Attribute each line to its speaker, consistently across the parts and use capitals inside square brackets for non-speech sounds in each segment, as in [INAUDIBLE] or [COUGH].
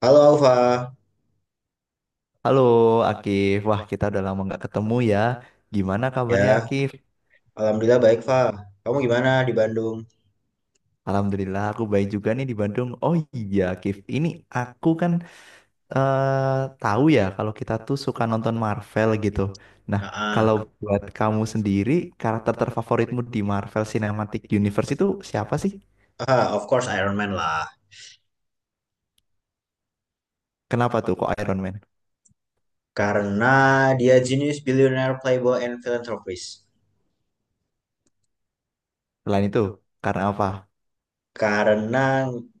Speaker 1: Halo Alfa,
Speaker 2: Halo Akif, wah kita udah lama nggak ketemu ya. Gimana kabarnya
Speaker 1: ya
Speaker 2: Akif?
Speaker 1: Alhamdulillah baik Fa. Kamu gimana di Bandung?
Speaker 2: Alhamdulillah aku baik juga nih di Bandung. Oh iya Akif, ini aku kan tahu ya kalau kita tuh suka nonton Marvel gitu. Nah,
Speaker 1: Ah,
Speaker 2: kalau
Speaker 1: ah.
Speaker 2: buat kamu sendiri karakter terfavoritmu di Marvel Cinematic Universe itu siapa sih?
Speaker 1: Ah, of course Iron Man lah.
Speaker 2: Kenapa tuh kok Iron Man?
Speaker 1: Karena dia genius, billionaire, playboy, and philanthropist.
Speaker 2: Selain itu karena apa?
Speaker 1: Karena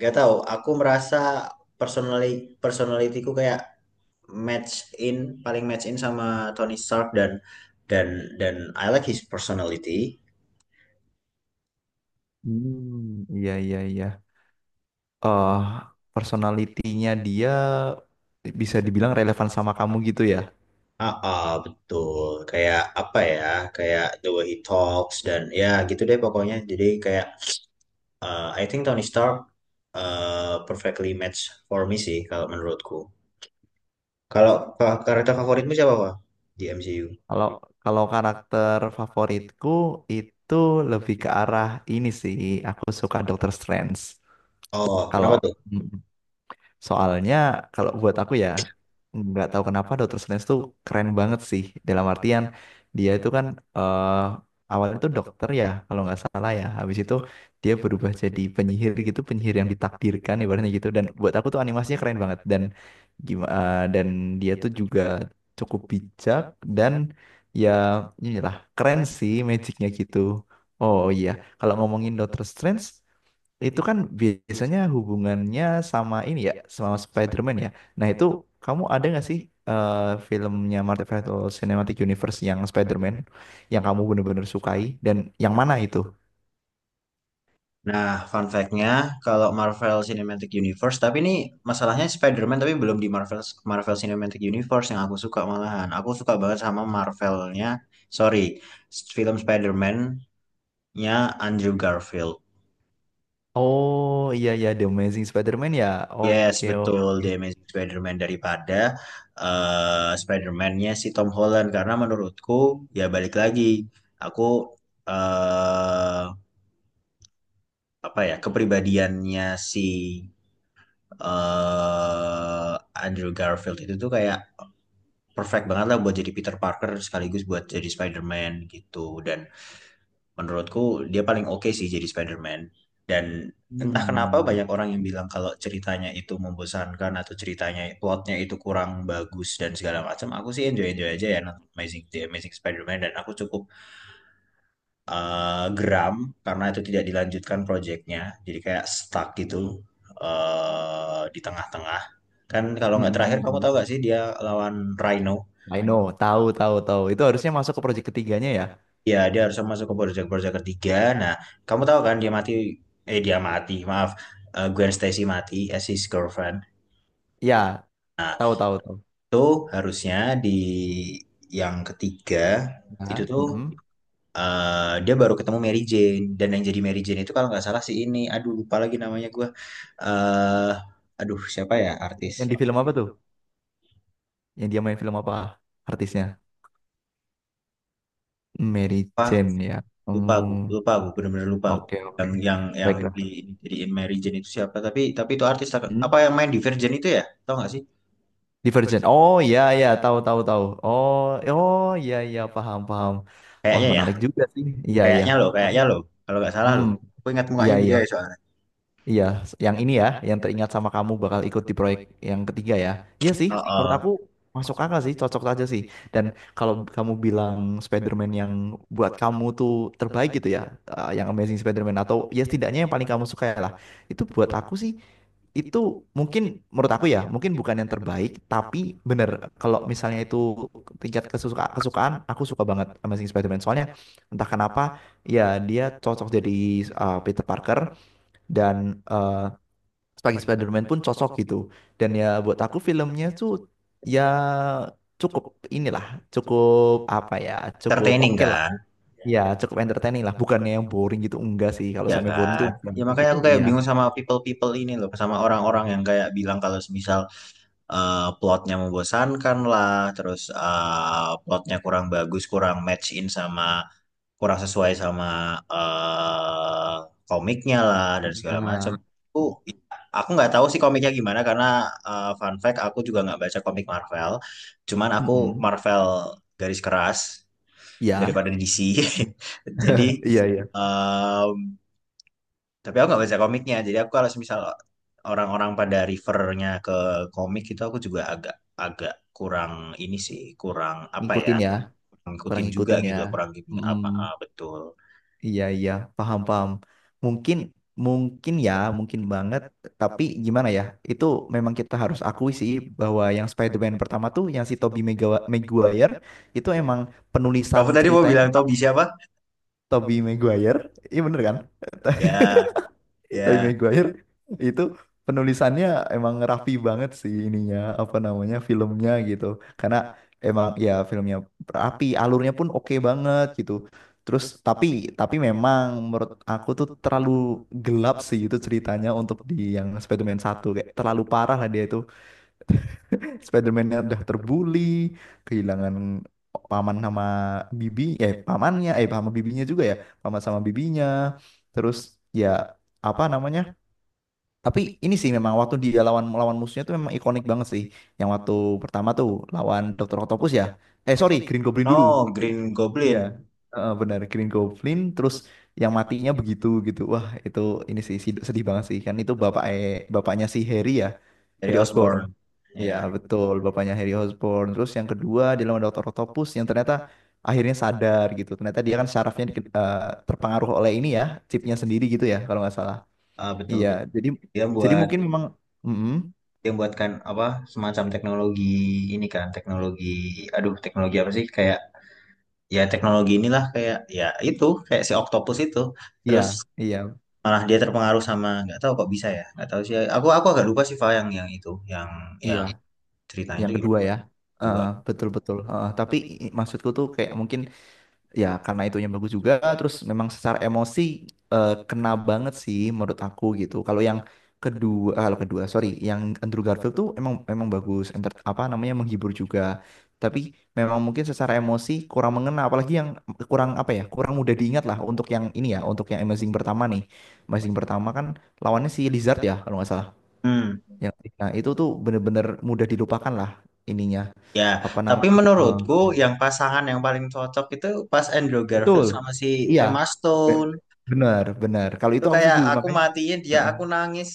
Speaker 1: gak tahu, aku merasa personally personalityku kayak match in, paling match in sama Tony Stark dan dan I like his personality.
Speaker 2: Hmm, iya iya iya. Eh Personalitinya dia bisa dibilang relevan sama kamu gitu ya.
Speaker 1: Ah, ah, betul. Kayak apa ya? Kayak the way he talks dan ya gitu deh pokoknya. Jadi kayak I think Tony Stark perfectly match for me sih kalau menurutku. Kalau karakter favoritmu siapa, Pak? Di MCU.
Speaker 2: Kalau kalau karakter favoritku itu lebih ke arah ini sih. Aku suka Doctor Strange.
Speaker 1: Oh, kenapa
Speaker 2: Kalau
Speaker 1: tuh?
Speaker 2: Soalnya kalau buat aku ya nggak tahu kenapa Dr. Strange tuh keren banget sih, dalam artian dia itu kan eh, awalnya tuh dokter ya kalau nggak salah ya, habis itu dia berubah jadi penyihir gitu, penyihir yang ditakdirkan ibaratnya gitu. Dan buat aku tuh animasinya keren banget, dan gimana, dan dia tuh juga cukup bijak, dan ya, inilah, keren sih magicnya gitu. Oh iya, kalau ngomongin Doctor Strange itu kan biasanya hubungannya sama ini ya, sama Spider-Man ya. Nah itu, kamu ada nggak sih eh, filmnya Marvel Cinematic Universe yang Spider-Man yang kamu bener-bener sukai, dan yang mana itu?
Speaker 1: Nah, fun fact-nya, kalau Marvel Cinematic Universe, tapi ini masalahnya Spider-Man tapi belum di Marvel Marvel Cinematic Universe yang aku suka malahan. Aku suka banget sama Marvel-nya, sorry, film Spider-Man-nya Andrew Garfield.
Speaker 2: Oh iya iya, The Amazing Spider-Man ya.
Speaker 1: Yes,
Speaker 2: Oke
Speaker 1: betul
Speaker 2: oke.
Speaker 1: The Amazing Spider-Man daripada Spider-Man-nya si Tom Holland karena menurutku ya balik lagi aku eh apa ya kepribadiannya si eh Andrew Garfield itu tuh kayak perfect banget lah buat jadi Peter Parker sekaligus buat jadi Spider-Man gitu dan menurutku dia paling oke sih jadi Spider-Man. Dan entah kenapa
Speaker 2: Hmm.
Speaker 1: banyak orang yang bilang kalau ceritanya itu membosankan atau ceritanya plotnya itu kurang bagus dan segala macam. Aku sih enjoy-enjoy aja ya nonton The Amazing Spider-Man dan aku cukup geram karena itu tidak dilanjutkan proyeknya. Jadi kayak stuck gitu di tengah-tengah. Kan kalau nggak terakhir kamu tahu
Speaker 2: Mm-mm.
Speaker 1: nggak sih dia lawan Rhino.
Speaker 2: I know, tahu tahu tahu. Itu harusnya masuk ke proyek ketiganya ya.
Speaker 1: Ya dia harus masuk ke Bojack Bojack ketiga. Nah, kamu tahu kan dia mati, eh dia mati, maaf, eh, Gwen Stacy mati as his girlfriend.
Speaker 2: Ya, tahu tahu tahu.
Speaker 1: Itu harusnya di yang ketiga itu
Speaker 2: Ya.
Speaker 1: tuh
Speaker 2: Mm-mm.
Speaker 1: dia baru ketemu Mary Jane dan yang jadi Mary Jane itu kalau nggak salah si ini, aduh lupa lagi namanya gue eh aduh siapa ya artis?
Speaker 2: Yang di film apa tuh? Yang dia main film apa artisnya? Mary
Speaker 1: Apa?
Speaker 2: Jane ya. Hmm,
Speaker 1: Lupa aku, bener-bener lupa aku.
Speaker 2: oke oke.
Speaker 1: Yang di
Speaker 2: Baiklah.
Speaker 1: jadiin Mary Jane itu siapa? Tapi itu artis apa yang main di Virgin itu ya? Tau nggak sih?
Speaker 2: Divergent. Oh iya iya, tahu tahu tahu. Oh oh, iya iya, paham paham. Wah,
Speaker 1: Kayaknya ya.
Speaker 2: menarik juga sih. Iya iya.
Speaker 1: Kayaknya loh,
Speaker 2: Tapi
Speaker 1: kayaknya loh. Kalau nggak salah
Speaker 2: hmm
Speaker 1: loh. Aku ingat
Speaker 2: iya
Speaker 1: mukanya dia
Speaker 2: iya.
Speaker 1: ya soalnya.
Speaker 2: Iya, yang ini ya, yang teringat sama kamu bakal ikut di proyek yang ketiga ya. Iya sih,
Speaker 1: Oh,
Speaker 2: menurut
Speaker 1: oh.
Speaker 2: aku masuk akal sih, cocok aja sih. Dan kalau kamu bilang Spider-Man yang buat kamu tuh terbaik gitu ya, yang Amazing Spider-Man, atau ya, setidaknya yang paling kamu suka ya lah. Itu buat aku sih, itu mungkin, menurut aku ya, mungkin bukan yang terbaik, tapi bener kalau misalnya itu tingkat kesukaan, aku suka banget Amazing Spider-Man. Soalnya entah kenapa ya dia cocok jadi Peter Parker, dan eh sebagai Spider-Man pun cocok gitu. Dan ya buat aku filmnya tuh ya cukup inilah, cukup apa ya, cukup
Speaker 1: Entertaining
Speaker 2: oke lah.
Speaker 1: kan?
Speaker 2: Iya cukup entertaining lah, bukannya yang boring gitu. Enggak sih, kalau
Speaker 1: Ya
Speaker 2: sampai boring
Speaker 1: kan?
Speaker 2: tuh
Speaker 1: Ya
Speaker 2: enggak
Speaker 1: makanya
Speaker 2: gitu.
Speaker 1: aku kayak
Speaker 2: Iya
Speaker 1: bingung sama people-people ini loh. Sama orang-orang yang kayak bilang kalau semisal plotnya membosankan lah. Terus plotnya kurang bagus, kurang match in sama kurang sesuai sama eh, komiknya lah dan segala macam.
Speaker 2: iya.
Speaker 1: Aku aku nggak tahu sih komiknya gimana karena fun fact aku juga nggak baca komik Marvel. Cuman aku
Speaker 2: mm
Speaker 1: Marvel garis keras
Speaker 2: Ya
Speaker 1: daripada DC. [LAUGHS] Jadi
Speaker 2: iya iya,
Speaker 1: em, tapi aku nggak baca komiknya. Jadi aku kalau misal orang-orang pada refernya ke komik itu aku juga agak agak kurang ini sih, kurang apa ya?
Speaker 2: ngikutin ya,
Speaker 1: Kurang
Speaker 2: kurang
Speaker 1: ngikutin juga
Speaker 2: ngikutin ya.
Speaker 1: gitu loh, kurang gini apa ah,
Speaker 2: Mm.
Speaker 1: betul.
Speaker 2: Iya, iya, paham, paham. Mungkin, mungkin ya, mungkin banget. Tapi gimana ya, itu memang kita harus akui sih, bahwa yang Spider-Man pertama tuh, yang si Tobey Maguire, itu emang penulisan
Speaker 1: Kamu tadi mau
Speaker 2: ceritanya tuh
Speaker 1: bilang Toby siapa?
Speaker 2: Tobey Maguire. Iya bener kan?
Speaker 1: Ya,
Speaker 2: Tapi
Speaker 1: ya.
Speaker 2: Maguire itu penulisannya emang rapi banget sih, ininya apa namanya, filmnya gitu. Karena emang ya filmnya rapi, alurnya pun oke banget gitu. Terus tapi memang menurut aku tuh terlalu gelap sih itu ceritanya, untuk di yang Spider-Man 1 kayak terlalu parah lah dia itu. Spider-Man-nya udah terbully, kehilangan paman sama bibi, pamannya sama bibinya juga ya, paman sama bibinya. Terus ya, apa namanya, tapi ini sih memang waktu dia melawan musuhnya tuh memang ikonik banget sih. Yang waktu pertama tuh lawan Dokter Octopus ya. Eh sorry, Green Goblin dulu.
Speaker 1: No,
Speaker 2: Gr-
Speaker 1: Green
Speaker 2: Iya,
Speaker 1: Goblin
Speaker 2: heeh, benar Green Goblin. Terus yang matinya begitu gitu. Wah, itu ini sih sedih banget sih. Kan itu bapaknya si Harry ya,
Speaker 1: dari
Speaker 2: Harry Osborn.
Speaker 1: Osborn.
Speaker 2: Iya
Speaker 1: Ya,
Speaker 2: betul, bapaknya Harry Osborn. Terus yang kedua dia lawan Dokter Octopus yang ternyata akhirnya sadar gitu. Ternyata dia kan syarafnya terpengaruh oleh ini ya, chipnya sendiri gitu ya kalau nggak salah.
Speaker 1: ah, betul
Speaker 2: Iya,
Speaker 1: betul.
Speaker 2: jadi
Speaker 1: Dia
Speaker 2: jadi
Speaker 1: buat
Speaker 2: mungkin memang, mm-mm,
Speaker 1: Dia buatkan apa semacam teknologi ini kan, teknologi aduh teknologi apa sih kayak ya teknologi inilah kayak ya itu kayak si Octopus itu.
Speaker 2: iya,
Speaker 1: Terus
Speaker 2: iya,
Speaker 1: malah dia terpengaruh sama nggak tahu kok bisa ya nggak tahu sih aku agak lupa sih Fa yang itu yang
Speaker 2: iya,
Speaker 1: yang ceritanya
Speaker 2: yang
Speaker 1: itu gimana
Speaker 2: kedua ya.
Speaker 1: lupa.
Speaker 2: Heeh, betul betul. Heeh, tapi maksudku tuh kayak mungkin ya, karena itunya bagus juga, terus memang secara emosi kena banget sih menurut aku gitu kalau yang kedua. Kalau kedua sorry, yang Andrew Garfield tuh emang emang bagus, apa namanya, menghibur juga. Tapi memang mungkin secara emosi kurang mengena, apalagi yang kurang apa ya, kurang mudah diingat lah untuk yang ini ya, untuk yang Amazing pertama nih. Amazing pertama kan lawannya si Lizard ya kalau nggak salah,
Speaker 1: Hmm.
Speaker 2: yang nah itu tuh bener-bener mudah dilupakan lah ininya,
Speaker 1: Ya,
Speaker 2: apa
Speaker 1: tapi
Speaker 2: namanya,
Speaker 1: menurutku
Speaker 2: eh,
Speaker 1: yang pasangan yang paling cocok itu pas Andrew Garfield
Speaker 2: betul.
Speaker 1: sama si
Speaker 2: Iya,
Speaker 1: Emma
Speaker 2: be-
Speaker 1: Stone.
Speaker 2: benar, benar. Kalau
Speaker 1: Itu
Speaker 2: itu aku
Speaker 1: kayak
Speaker 2: setuju,
Speaker 1: aku
Speaker 2: makanya.
Speaker 1: matiin dia,
Speaker 2: Heeh.
Speaker 1: aku nangis.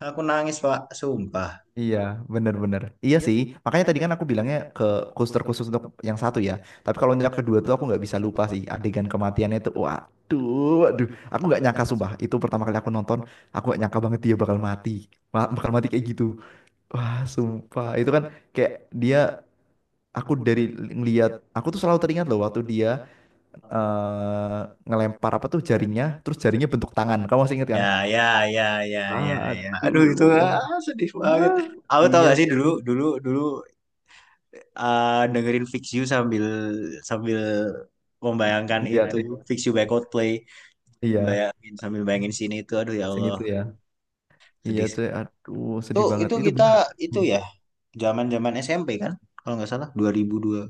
Speaker 1: Aku nangis, Pak. Sumpah.
Speaker 2: Iya, benar-benar. Iya sih, makanya tadi kan aku bilangnya ke khusus, terkhusus untuk yang satu ya. Tapi kalau yang kedua tuh aku nggak bisa lupa sih adegan kematiannya itu. Waduh, waduh. Aku nggak nyangka sumpah. Itu pertama kali aku nonton, aku nggak nyangka banget dia bakal mati, bakal mati kayak gitu. Wah, sumpah. Itu kan kayak dia. Aku dari ngeliat, aku tuh selalu teringat loh waktu dia eh, ngelempar apa tuh jaringnya, terus jaringnya bentuk tangan. Kamu masih ingat
Speaker 1: Ya,
Speaker 2: kan?
Speaker 1: ya, ya, ya, ya, ya. Aduh, itu
Speaker 2: Aduh.
Speaker 1: ah, sedih
Speaker 2: Ya,
Speaker 1: banget. Aku tau
Speaker 2: iya,
Speaker 1: gak sih dulu, dulu, dulu ah, dengerin Fix You sambil sambil membayangkan
Speaker 2: lihat
Speaker 1: itu.
Speaker 2: lihat itu.
Speaker 1: Fix You by Coldplay.
Speaker 2: Iya,
Speaker 1: Bayangin sambil bayangin sini itu. Aduh, ya
Speaker 2: sini
Speaker 1: Allah.
Speaker 2: tuh ya. Iya,
Speaker 1: Sedih.
Speaker 2: cuy. Aduh, sedih banget.
Speaker 1: Itu
Speaker 2: Itu
Speaker 1: kita,
Speaker 2: bener.
Speaker 1: itu
Speaker 2: Hmm.
Speaker 1: ya. Zaman-zaman SMP kan? Kalau nggak salah 2002.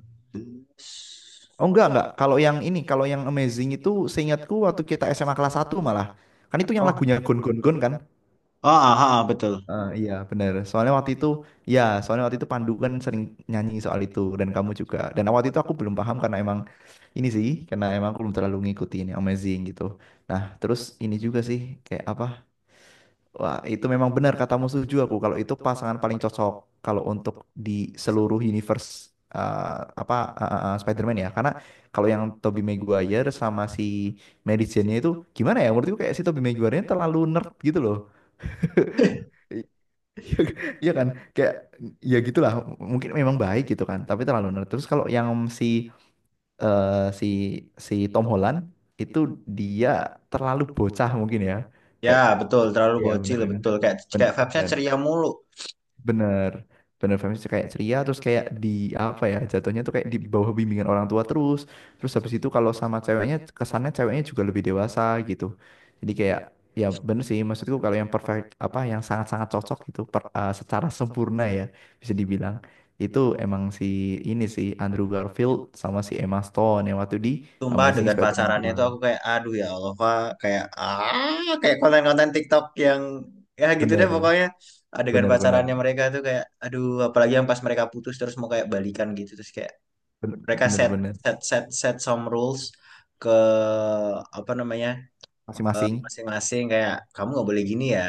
Speaker 2: Oh enggak, enggak. Kalau yang ini, kalau yang amazing itu, seingatku waktu kita SMA kelas satu malah. Kan itu yang
Speaker 1: Oh,
Speaker 2: lagunya Gon Gon Gon kan?
Speaker 1: oh, aha, betul.
Speaker 2: Eh, iya, bener. Soalnya waktu itu, ya, soalnya waktu itu Pandu kan sering nyanyi soal itu dan kamu juga. Dan waktu itu aku belum paham karena emang ini sih, karena emang aku belum terlalu ngikutin yang amazing gitu. Nah, terus ini juga sih kayak apa? Wah, itu memang benar katamu, setuju aku. Kalau itu pasangan paling cocok kalau untuk di seluruh universe, uh, apa, Spider-Man ya. Karena kalau yang Tobey Maguire sama si Mary Jane-nya itu gimana ya? Menurutku kayak si Tobey Maguire-nya terlalu nerd gitu loh.
Speaker 1: [LAUGHS]
Speaker 2: I- [LAUGHS] Iya kan? Kayak ya gitulah. Mungkin memang baik gitu kan, tapi terlalu nerd. Terus kalau yang si eh, si si Tom Holland itu dia terlalu bocah mungkin ya.
Speaker 1: Ya,
Speaker 2: Kayak,
Speaker 1: betul, terlalu
Speaker 2: ya benar
Speaker 1: bocil,
Speaker 2: kan?
Speaker 1: betul. Kayak kayak Febsnya
Speaker 2: Benar.
Speaker 1: ceria mulu.
Speaker 2: Bener bener feminis, kayak ceria terus, kayak di apa ya, jatuhnya tuh kayak di bawah bimbingan orang tua, terus terus habis itu kalau sama ceweknya, kesannya ceweknya juga lebih dewasa gitu, jadi kayak, ya bener sih, maksudku kalau yang perfect apa, yang sangat-sangat cocok gitu, secara sempurna ya, bisa dibilang itu emang si ini sih, Andrew Garfield sama si Emma Stone yang waktu di
Speaker 1: Sumpah
Speaker 2: Amazing
Speaker 1: dengan
Speaker 2: Spider-Man
Speaker 1: pacarannya
Speaker 2: 2.
Speaker 1: tuh aku kayak aduh ya Allah, Fa. Kayak ah kayak konten-konten TikTok yang ya gitu deh
Speaker 2: Bener
Speaker 1: pokoknya. Adegan
Speaker 2: bener
Speaker 1: pacarannya
Speaker 2: bener
Speaker 1: mereka tuh kayak aduh, apalagi yang pas mereka putus terus mau kayak balikan gitu terus kayak
Speaker 2: bener
Speaker 1: mereka
Speaker 2: bener
Speaker 1: set
Speaker 2: bener.
Speaker 1: set set set some rules ke apa namanya
Speaker 2: Masing-masing.
Speaker 1: masing-masing kayak kamu nggak boleh gini ya.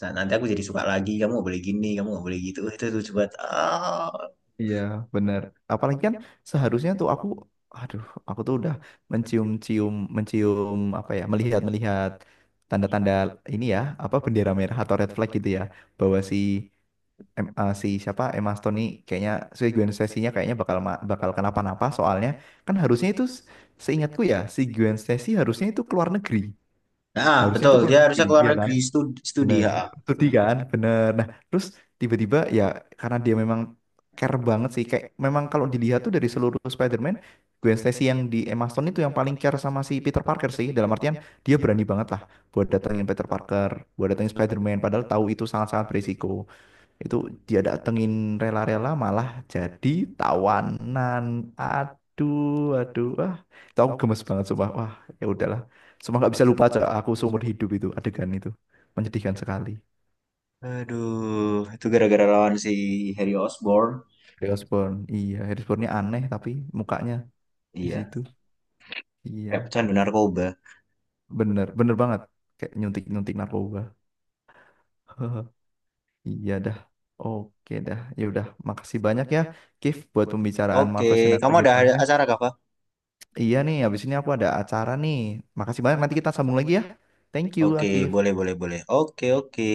Speaker 1: Nah, nanti aku jadi suka lagi kamu nggak boleh gini kamu nggak boleh gitu. Itu lucu banget ah.
Speaker 2: Iya, benar. Apalagi kan seharusnya tuh aku, aduh, aku tuh udah mencium-cium, mencium apa ya, melihat-melihat tanda-tanda ini ya, apa bendera merah atau red flag gitu ya, bahwa si si siapa, Emma Stone nih kayaknya, si Gwen Stacy-nya kayaknya bakal bakal kenapa-napa soalnya. Kan harusnya itu seingatku ya si Gwen Stacy harusnya itu keluar negeri,
Speaker 1: Nah
Speaker 2: harusnya
Speaker 1: betul
Speaker 2: itu
Speaker 1: dia
Speaker 2: keluar negeri,
Speaker 1: harusnya keluar
Speaker 2: iya kan?
Speaker 1: negeri studi, studi
Speaker 2: Bener.
Speaker 1: ha
Speaker 2: Studi kan, bener. Nah, terus tiba-tiba ya karena dia memang care banget sih. Kayak memang kalau dilihat tuh dari seluruh Spider-Man, Gwen Stacy yang di Emma Stone itu yang paling care sama si Peter Parker sih. Dalam artian dia berani banget lah buat datengin Peter Parker, buat datengin Spider-Man. Padahal tahu itu sangat-sangat berisiko, itu dia datengin, rela-rela malah jadi tawanan. Aduh, aduh, ah, itu aku gemes banget sumpah. Wah, ya udahlah, sumpah nggak bisa lupa, Cak. Aku seumur hidup itu adegan itu menyedihkan sekali.
Speaker 1: aduh itu gara-gara lawan si Harry Osborn
Speaker 2: Harrison, iya Harrison, aneh tapi mukanya di
Speaker 1: iya
Speaker 2: situ,
Speaker 1: kayak
Speaker 2: iya,
Speaker 1: pecandu narkoba.
Speaker 2: bener bener banget, kayak nyuntik nyuntik narkoba. [LAUGHS] Iya dah, oke dah, ya udah, makasih banyak ya Kif, buat pembicaraan
Speaker 1: Oke
Speaker 2: Marvel
Speaker 1: kamu
Speaker 2: Cinematic
Speaker 1: ada
Speaker 2: Universe.
Speaker 1: acara kah Pak?
Speaker 2: Iya nih, habis ini aku ada acara nih. Makasih banyak, nanti kita sambung lagi ya. Thank you,
Speaker 1: Oke
Speaker 2: Akif.
Speaker 1: boleh boleh boleh oke oke.